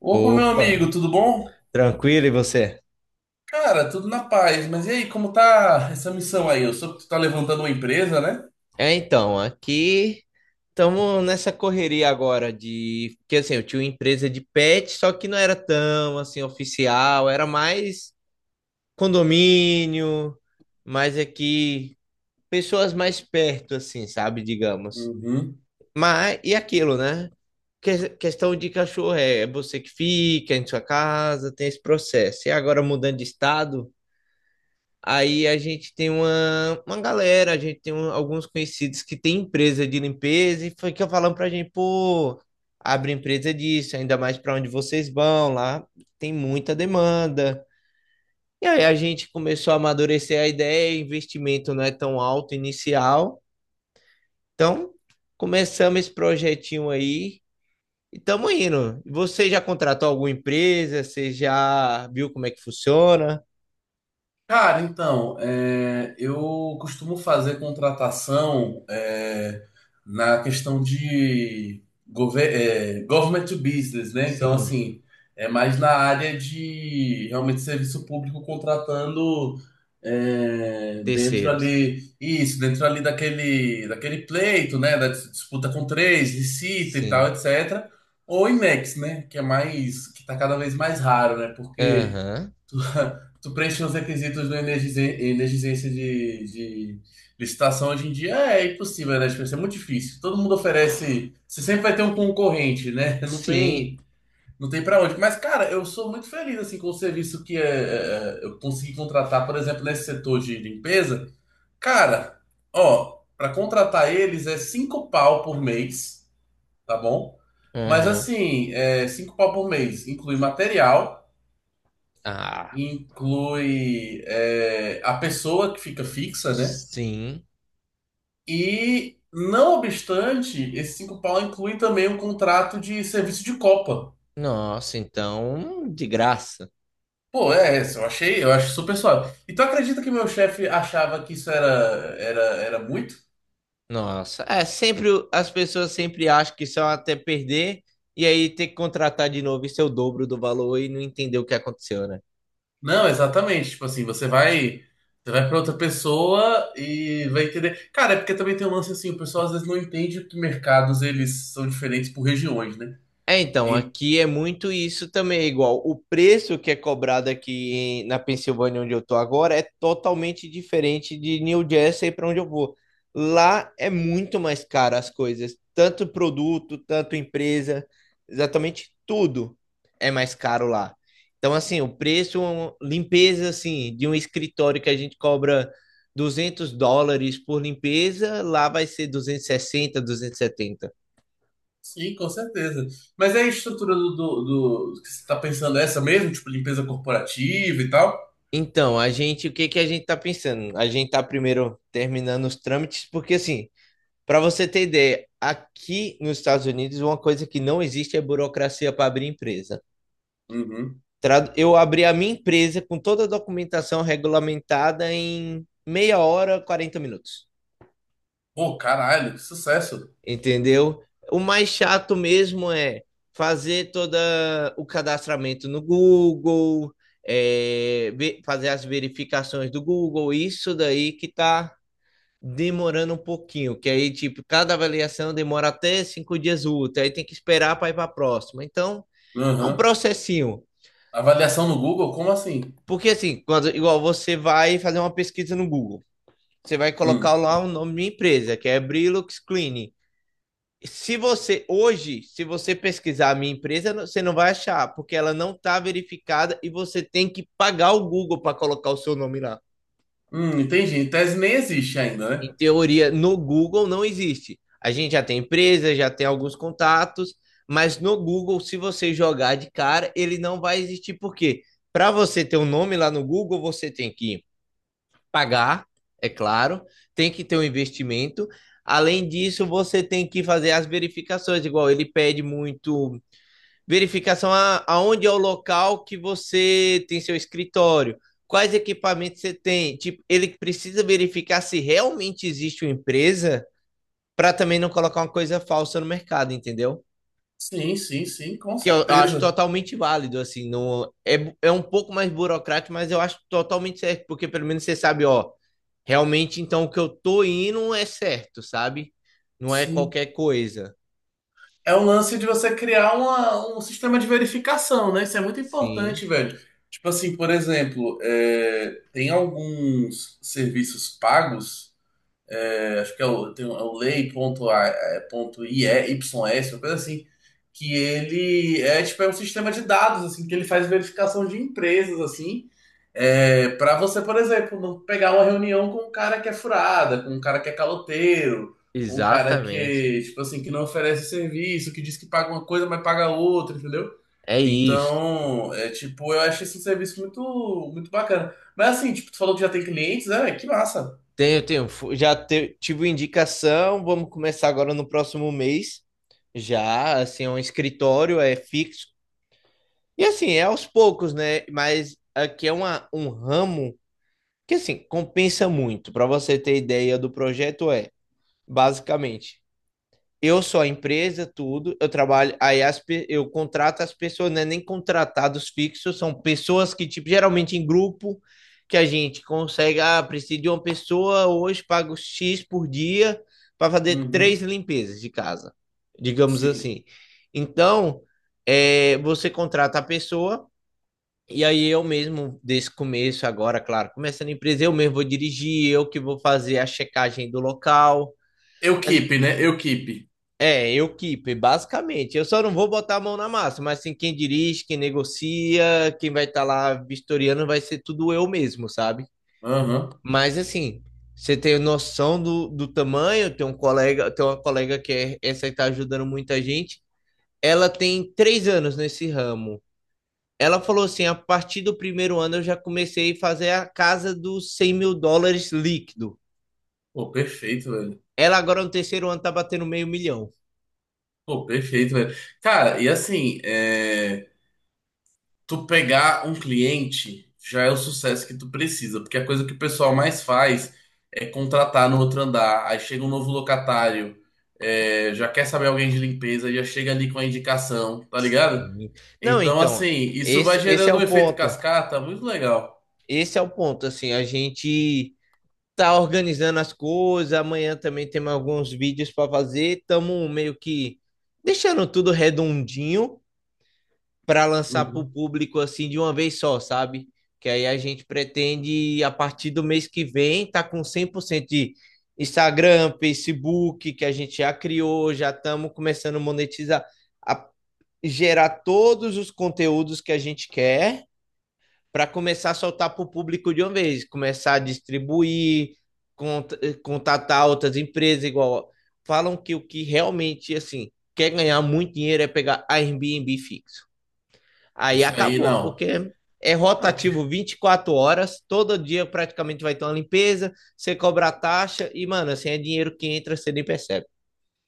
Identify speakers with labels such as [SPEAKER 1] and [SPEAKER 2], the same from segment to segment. [SPEAKER 1] Opa, meu
[SPEAKER 2] Opa,
[SPEAKER 1] amigo, tudo bom?
[SPEAKER 2] tranquilo e você?
[SPEAKER 1] Cara, tudo na paz. Mas e aí, como tá essa missão aí? Eu soube que tu tá levantando uma empresa, né?
[SPEAKER 2] É, então, aqui estamos nessa correria agora de porque assim, eu tinha uma empresa de pet, só que não era tão assim oficial, era mais condomínio, mais aqui pessoas mais perto assim, sabe, digamos.
[SPEAKER 1] Uhum.
[SPEAKER 2] Mas e aquilo, né? Questão de cachorro é você que fica em sua casa, tem esse processo. E agora mudando de estado, aí a gente tem uma galera, a gente tem alguns conhecidos que tem empresa de limpeza e foi que eu falando pra gente, pô, abre empresa disso, ainda mais pra onde vocês vão, lá tem muita demanda. E aí a gente começou a amadurecer a ideia, investimento não é tão alto inicial. Então, começamos esse projetinho aí e estamos indo. Você já contratou alguma empresa? Você já viu como é que funciona?
[SPEAKER 1] Cara, então, eu costumo fazer contratação na questão de government to business, né? Então,
[SPEAKER 2] Sim,
[SPEAKER 1] assim, é mais na área de realmente serviço público contratando dentro
[SPEAKER 2] terceiros.
[SPEAKER 1] ali, isso, dentro ali daquele pleito, né? Da disputa com três, licita e tal,
[SPEAKER 2] Sim.
[SPEAKER 1] etc. Ou IMEX, né? Que é mais, que tá cada vez mais raro, né? Porque.
[SPEAKER 2] Aham.
[SPEAKER 1] Tu, tu preenche os requisitos do energizência de licitação hoje em dia é impossível, né? Tipo, isso é muito difícil. Todo mundo oferece. Você sempre vai ter um concorrente, né?
[SPEAKER 2] Sim.
[SPEAKER 1] Não tem para onde. Mas, cara, eu sou muito feliz assim com o serviço que eu consegui contratar, por exemplo, nesse setor de limpeza. Cara, ó, para contratar eles é cinco pau por mês, tá bom? Mas
[SPEAKER 2] Aham.
[SPEAKER 1] assim, é, cinco pau por mês inclui material,
[SPEAKER 2] Ah,
[SPEAKER 1] inclui a pessoa que fica fixa, né?
[SPEAKER 2] sim.
[SPEAKER 1] E, não obstante, esse cinco pau inclui também um contrato de serviço de copa.
[SPEAKER 2] Nossa, então, de graça.
[SPEAKER 1] Pô, é, essa eu achei, eu acho super suave. Então acredita que meu chefe achava que isso era muito?
[SPEAKER 2] Nossa, é sempre as pessoas sempre acham que são até perder e aí ter que contratar de novo e ser o dobro do valor e não entender o que aconteceu, né?
[SPEAKER 1] Não, exatamente. Tipo assim, você vai para outra pessoa e vai entender. Cara, é porque também tem um lance assim, o pessoal às vezes não entende que mercados eles são diferentes por regiões, né?
[SPEAKER 2] É, então, aqui é muito isso também, é igual o preço que é cobrado aqui na Pensilvânia, onde eu tô agora, é totalmente diferente de New Jersey para onde eu vou. Lá é muito mais caro as coisas, tanto produto, tanto empresa, exatamente tudo é mais caro lá. Então, assim, o preço, um, limpeza, assim, de um escritório que a gente cobra US$ 200 por limpeza, lá vai ser 260, 270.
[SPEAKER 1] Sim, com certeza. Mas é a estrutura do que você tá pensando é essa mesmo? Tipo, limpeza corporativa e tal?
[SPEAKER 2] Então, a gente, o que que a gente tá pensando? A gente tá primeiro terminando os trâmites, porque assim, para você ter ideia, aqui nos Estados Unidos, uma coisa que não existe é burocracia para abrir empresa.
[SPEAKER 1] Uhum.
[SPEAKER 2] Eu abri a minha empresa com toda a documentação regulamentada em meia hora, 40 minutos.
[SPEAKER 1] Pô, caralho, que sucesso.
[SPEAKER 2] Entendeu? O mais chato mesmo é fazer todo o cadastramento no Google, fazer as verificações do Google, isso daí que tá demorando um pouquinho, que aí, tipo, cada avaliação demora até 5 dias úteis, aí tem que esperar para ir para a próxima. Então, é um
[SPEAKER 1] Uhum.
[SPEAKER 2] processinho.
[SPEAKER 1] Avaliação no Google? Como assim?
[SPEAKER 2] Porque, assim, quando, igual você vai fazer uma pesquisa no Google, você vai colocar
[SPEAKER 1] Hum.
[SPEAKER 2] lá o nome da minha empresa, que é Brilux Cleaning. Se você, hoje, se você pesquisar a minha empresa, você não vai achar, porque ela não está verificada e você tem que pagar o Google para colocar o seu nome lá.
[SPEAKER 1] Entendi. Em tese nem existe ainda,
[SPEAKER 2] Em
[SPEAKER 1] né?
[SPEAKER 2] teoria, no Google não existe. A gente já tem empresa, já tem alguns contatos, mas no Google, se você jogar de cara, ele não vai existir, porque para você ter um nome lá no Google, você tem que pagar, é claro, tem que ter um investimento. Além disso, você tem que fazer as verificações, igual ele pede muito verificação aonde é o local que você tem seu escritório, quais equipamentos você tem. Tipo, ele precisa verificar se realmente existe uma empresa para também não colocar uma coisa falsa no mercado, entendeu?
[SPEAKER 1] Sim, sim, sim, com
[SPEAKER 2] Que eu acho
[SPEAKER 1] certeza.
[SPEAKER 2] totalmente válido, assim, no é, é um pouco mais burocrático, mas eu acho totalmente certo, porque pelo menos você sabe, ó, realmente então o que eu tô indo é certo, sabe? Não é
[SPEAKER 1] Sim.
[SPEAKER 2] qualquer coisa.
[SPEAKER 1] É um lance de você criar um sistema de verificação, né? Isso é muito
[SPEAKER 2] Sim,
[SPEAKER 1] importante, velho. Tipo assim, por exemplo, é, tem alguns serviços pagos. É acho que é o, tem, um, é o lei.ie, uma coisa assim, que ele é tipo um sistema de dados, assim, que ele faz verificação de empresas, assim, é, para você, por exemplo, não pegar uma reunião com um cara que é furada, com um cara que é caloteiro, um cara
[SPEAKER 2] exatamente.
[SPEAKER 1] que, tipo assim, que não oferece serviço, que diz que paga uma coisa, mas paga outra, entendeu?
[SPEAKER 2] É isso.
[SPEAKER 1] Então, é tipo, eu acho esse serviço muito, muito bacana. Mas assim, tipo, tu falou que já tem clientes, é, que massa.
[SPEAKER 2] Tenho, tenho. Já tive indicação, vamos começar agora no próximo mês. Já, assim, é um escritório, é fixo. E assim, é aos poucos, né? Mas aqui é um ramo que, assim, compensa muito. Para você ter ideia do projeto, é, basicamente. Eu sou a empresa, tudo. Eu trabalho. Aí eu contrato as pessoas, não é nem contratados fixos, são pessoas que, tipo, geralmente em grupo, que a gente consegue. Ah, preciso de uma pessoa hoje, pago X por dia para fazer três
[SPEAKER 1] Uhum,
[SPEAKER 2] limpezas de casa, digamos
[SPEAKER 1] sim.
[SPEAKER 2] assim. Então, você contrata a pessoa. E aí eu mesmo, desse começo agora, claro, começando a empresa, eu mesmo vou dirigir, eu que vou fazer a checagem do local.
[SPEAKER 1] Eu
[SPEAKER 2] Mas
[SPEAKER 1] keep, né? Eu keep.
[SPEAKER 2] eu keep, basicamente. Eu só não vou botar a mão na massa, mas assim quem dirige, quem negocia, quem vai estar lá vistoriando vai ser tudo eu mesmo, sabe?
[SPEAKER 1] Aham.
[SPEAKER 2] Mas assim, você tem noção do tamanho, tem um colega, tem uma colega essa está ajudando muita gente. Ela tem 3 anos nesse ramo. Ela falou assim: a partir do primeiro ano eu já comecei a fazer a casa dos US$ 100.000 líquido.
[SPEAKER 1] Pô, perfeito, velho.
[SPEAKER 2] Ela agora no terceiro ano tá batendo meio milhão.
[SPEAKER 1] Pô, perfeito, velho. Cara, e assim, é, tu pegar um cliente já é o sucesso que tu precisa, porque a coisa que o pessoal mais faz é contratar no outro andar. Aí chega um novo locatário, é, já quer saber alguém de limpeza, já chega ali com a indicação, tá ligado?
[SPEAKER 2] Sim. Não,
[SPEAKER 1] Então, assim,
[SPEAKER 2] então,
[SPEAKER 1] isso vai
[SPEAKER 2] esse é
[SPEAKER 1] gerando um
[SPEAKER 2] o
[SPEAKER 1] efeito
[SPEAKER 2] ponto.
[SPEAKER 1] cascata muito legal.
[SPEAKER 2] Esse é o ponto, assim, a gente tá organizando as coisas, amanhã também temos alguns vídeos para fazer, estamos meio que deixando tudo redondinho para lançar para o
[SPEAKER 1] Uhum.
[SPEAKER 2] público assim de uma vez só, sabe? Que aí a gente pretende a partir do mês que vem tá com 100% de Instagram, Facebook, que a gente já criou, já estamos começando a monetizar, a gerar todos os conteúdos que a gente quer para começar a soltar para o público de uma vez, começar a distribuir, cont contatar outras empresas, igual falam que o que realmente assim quer ganhar muito dinheiro é pegar Airbnb fixo. Aí
[SPEAKER 1] Isso aí,
[SPEAKER 2] acabou,
[SPEAKER 1] não.
[SPEAKER 2] porque é rotativo 24 horas, todo dia praticamente vai ter uma limpeza, você cobra a taxa e, mano, assim é dinheiro que entra, você nem percebe.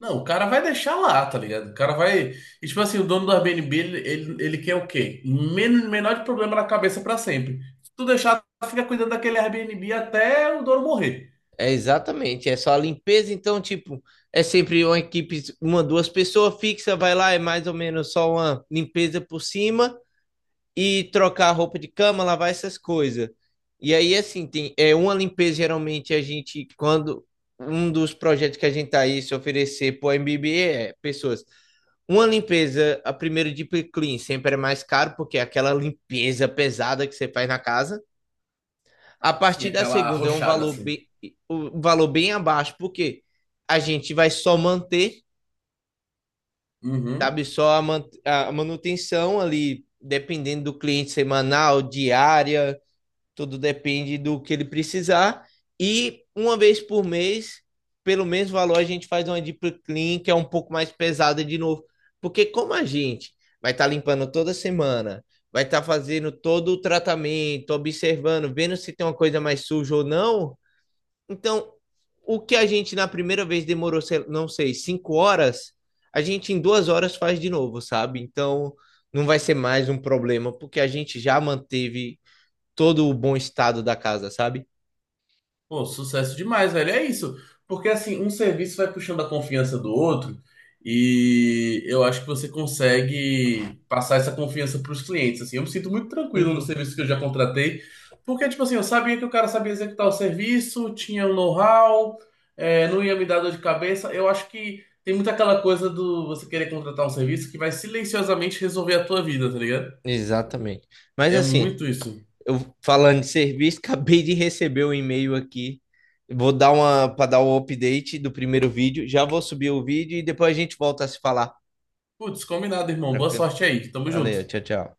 [SPEAKER 1] Não, o cara vai deixar lá, tá ligado? O cara vai. E, tipo assim, o dono do Airbnb, ele quer o quê? Menor de problema na cabeça pra sempre. Se tu deixar, fica cuidando daquele Airbnb até o dono morrer.
[SPEAKER 2] É exatamente, é só a limpeza, então, tipo, é sempre uma equipe, uma, duas pessoas fixa, vai lá, é mais ou menos só uma limpeza por cima e trocar a roupa de cama, lavar essas coisas. E aí, assim, tem, é uma limpeza, geralmente, a gente, quando um dos projetos que a gente tá aí se oferecer pro MBB é pessoas. Uma limpeza, a primeira deep clean, sempre é mais caro, porque é aquela limpeza pesada que você faz na casa. A
[SPEAKER 1] Sim,
[SPEAKER 2] partir da
[SPEAKER 1] aquela
[SPEAKER 2] segunda é
[SPEAKER 1] arrochada assim.
[SPEAKER 2] um valor bem abaixo, porque a gente vai só manter,
[SPEAKER 1] Uhum.
[SPEAKER 2] sabe? Só a manutenção ali, dependendo do cliente semanal, diária, tudo depende do que ele precisar. E uma vez por mês, pelo mesmo valor, a gente faz uma deep clean, que é um pouco mais pesada de novo. Porque como a gente vai estar tá limpando toda semana, vai estar tá fazendo todo o tratamento, observando, vendo se tem uma coisa mais suja ou não, então, o que a gente na primeira vez demorou, não sei, 5 horas, a gente em 2 horas faz de novo, sabe? Então, não vai ser mais um problema, porque a gente já manteve todo o bom estado da casa, sabe?
[SPEAKER 1] Pô, sucesso demais, velho. É isso. Porque assim, um serviço vai puxando a confiança do outro e eu acho que você consegue passar essa confiança para os clientes, assim. Eu me sinto muito tranquilo no
[SPEAKER 2] Uhum.
[SPEAKER 1] serviço que eu já contratei, porque tipo assim, eu sabia que o cara sabia executar o serviço, tinha um know-how, é, não ia me dar dor de cabeça. Eu acho que tem muito aquela coisa do você querer contratar um serviço que vai silenciosamente resolver a tua vida, tá ligado?
[SPEAKER 2] Exatamente. Mas
[SPEAKER 1] É
[SPEAKER 2] assim,
[SPEAKER 1] muito isso.
[SPEAKER 2] eu falando de serviço, acabei de receber um e-mail aqui. Vou dar uma para dar o update do primeiro vídeo. Já vou subir o vídeo e depois a gente volta a se falar.
[SPEAKER 1] Putz, combinado, irmão. Boa
[SPEAKER 2] Tranquilo?
[SPEAKER 1] sorte aí. Tamo
[SPEAKER 2] Valeu,
[SPEAKER 1] junto.
[SPEAKER 2] tchau, tchau.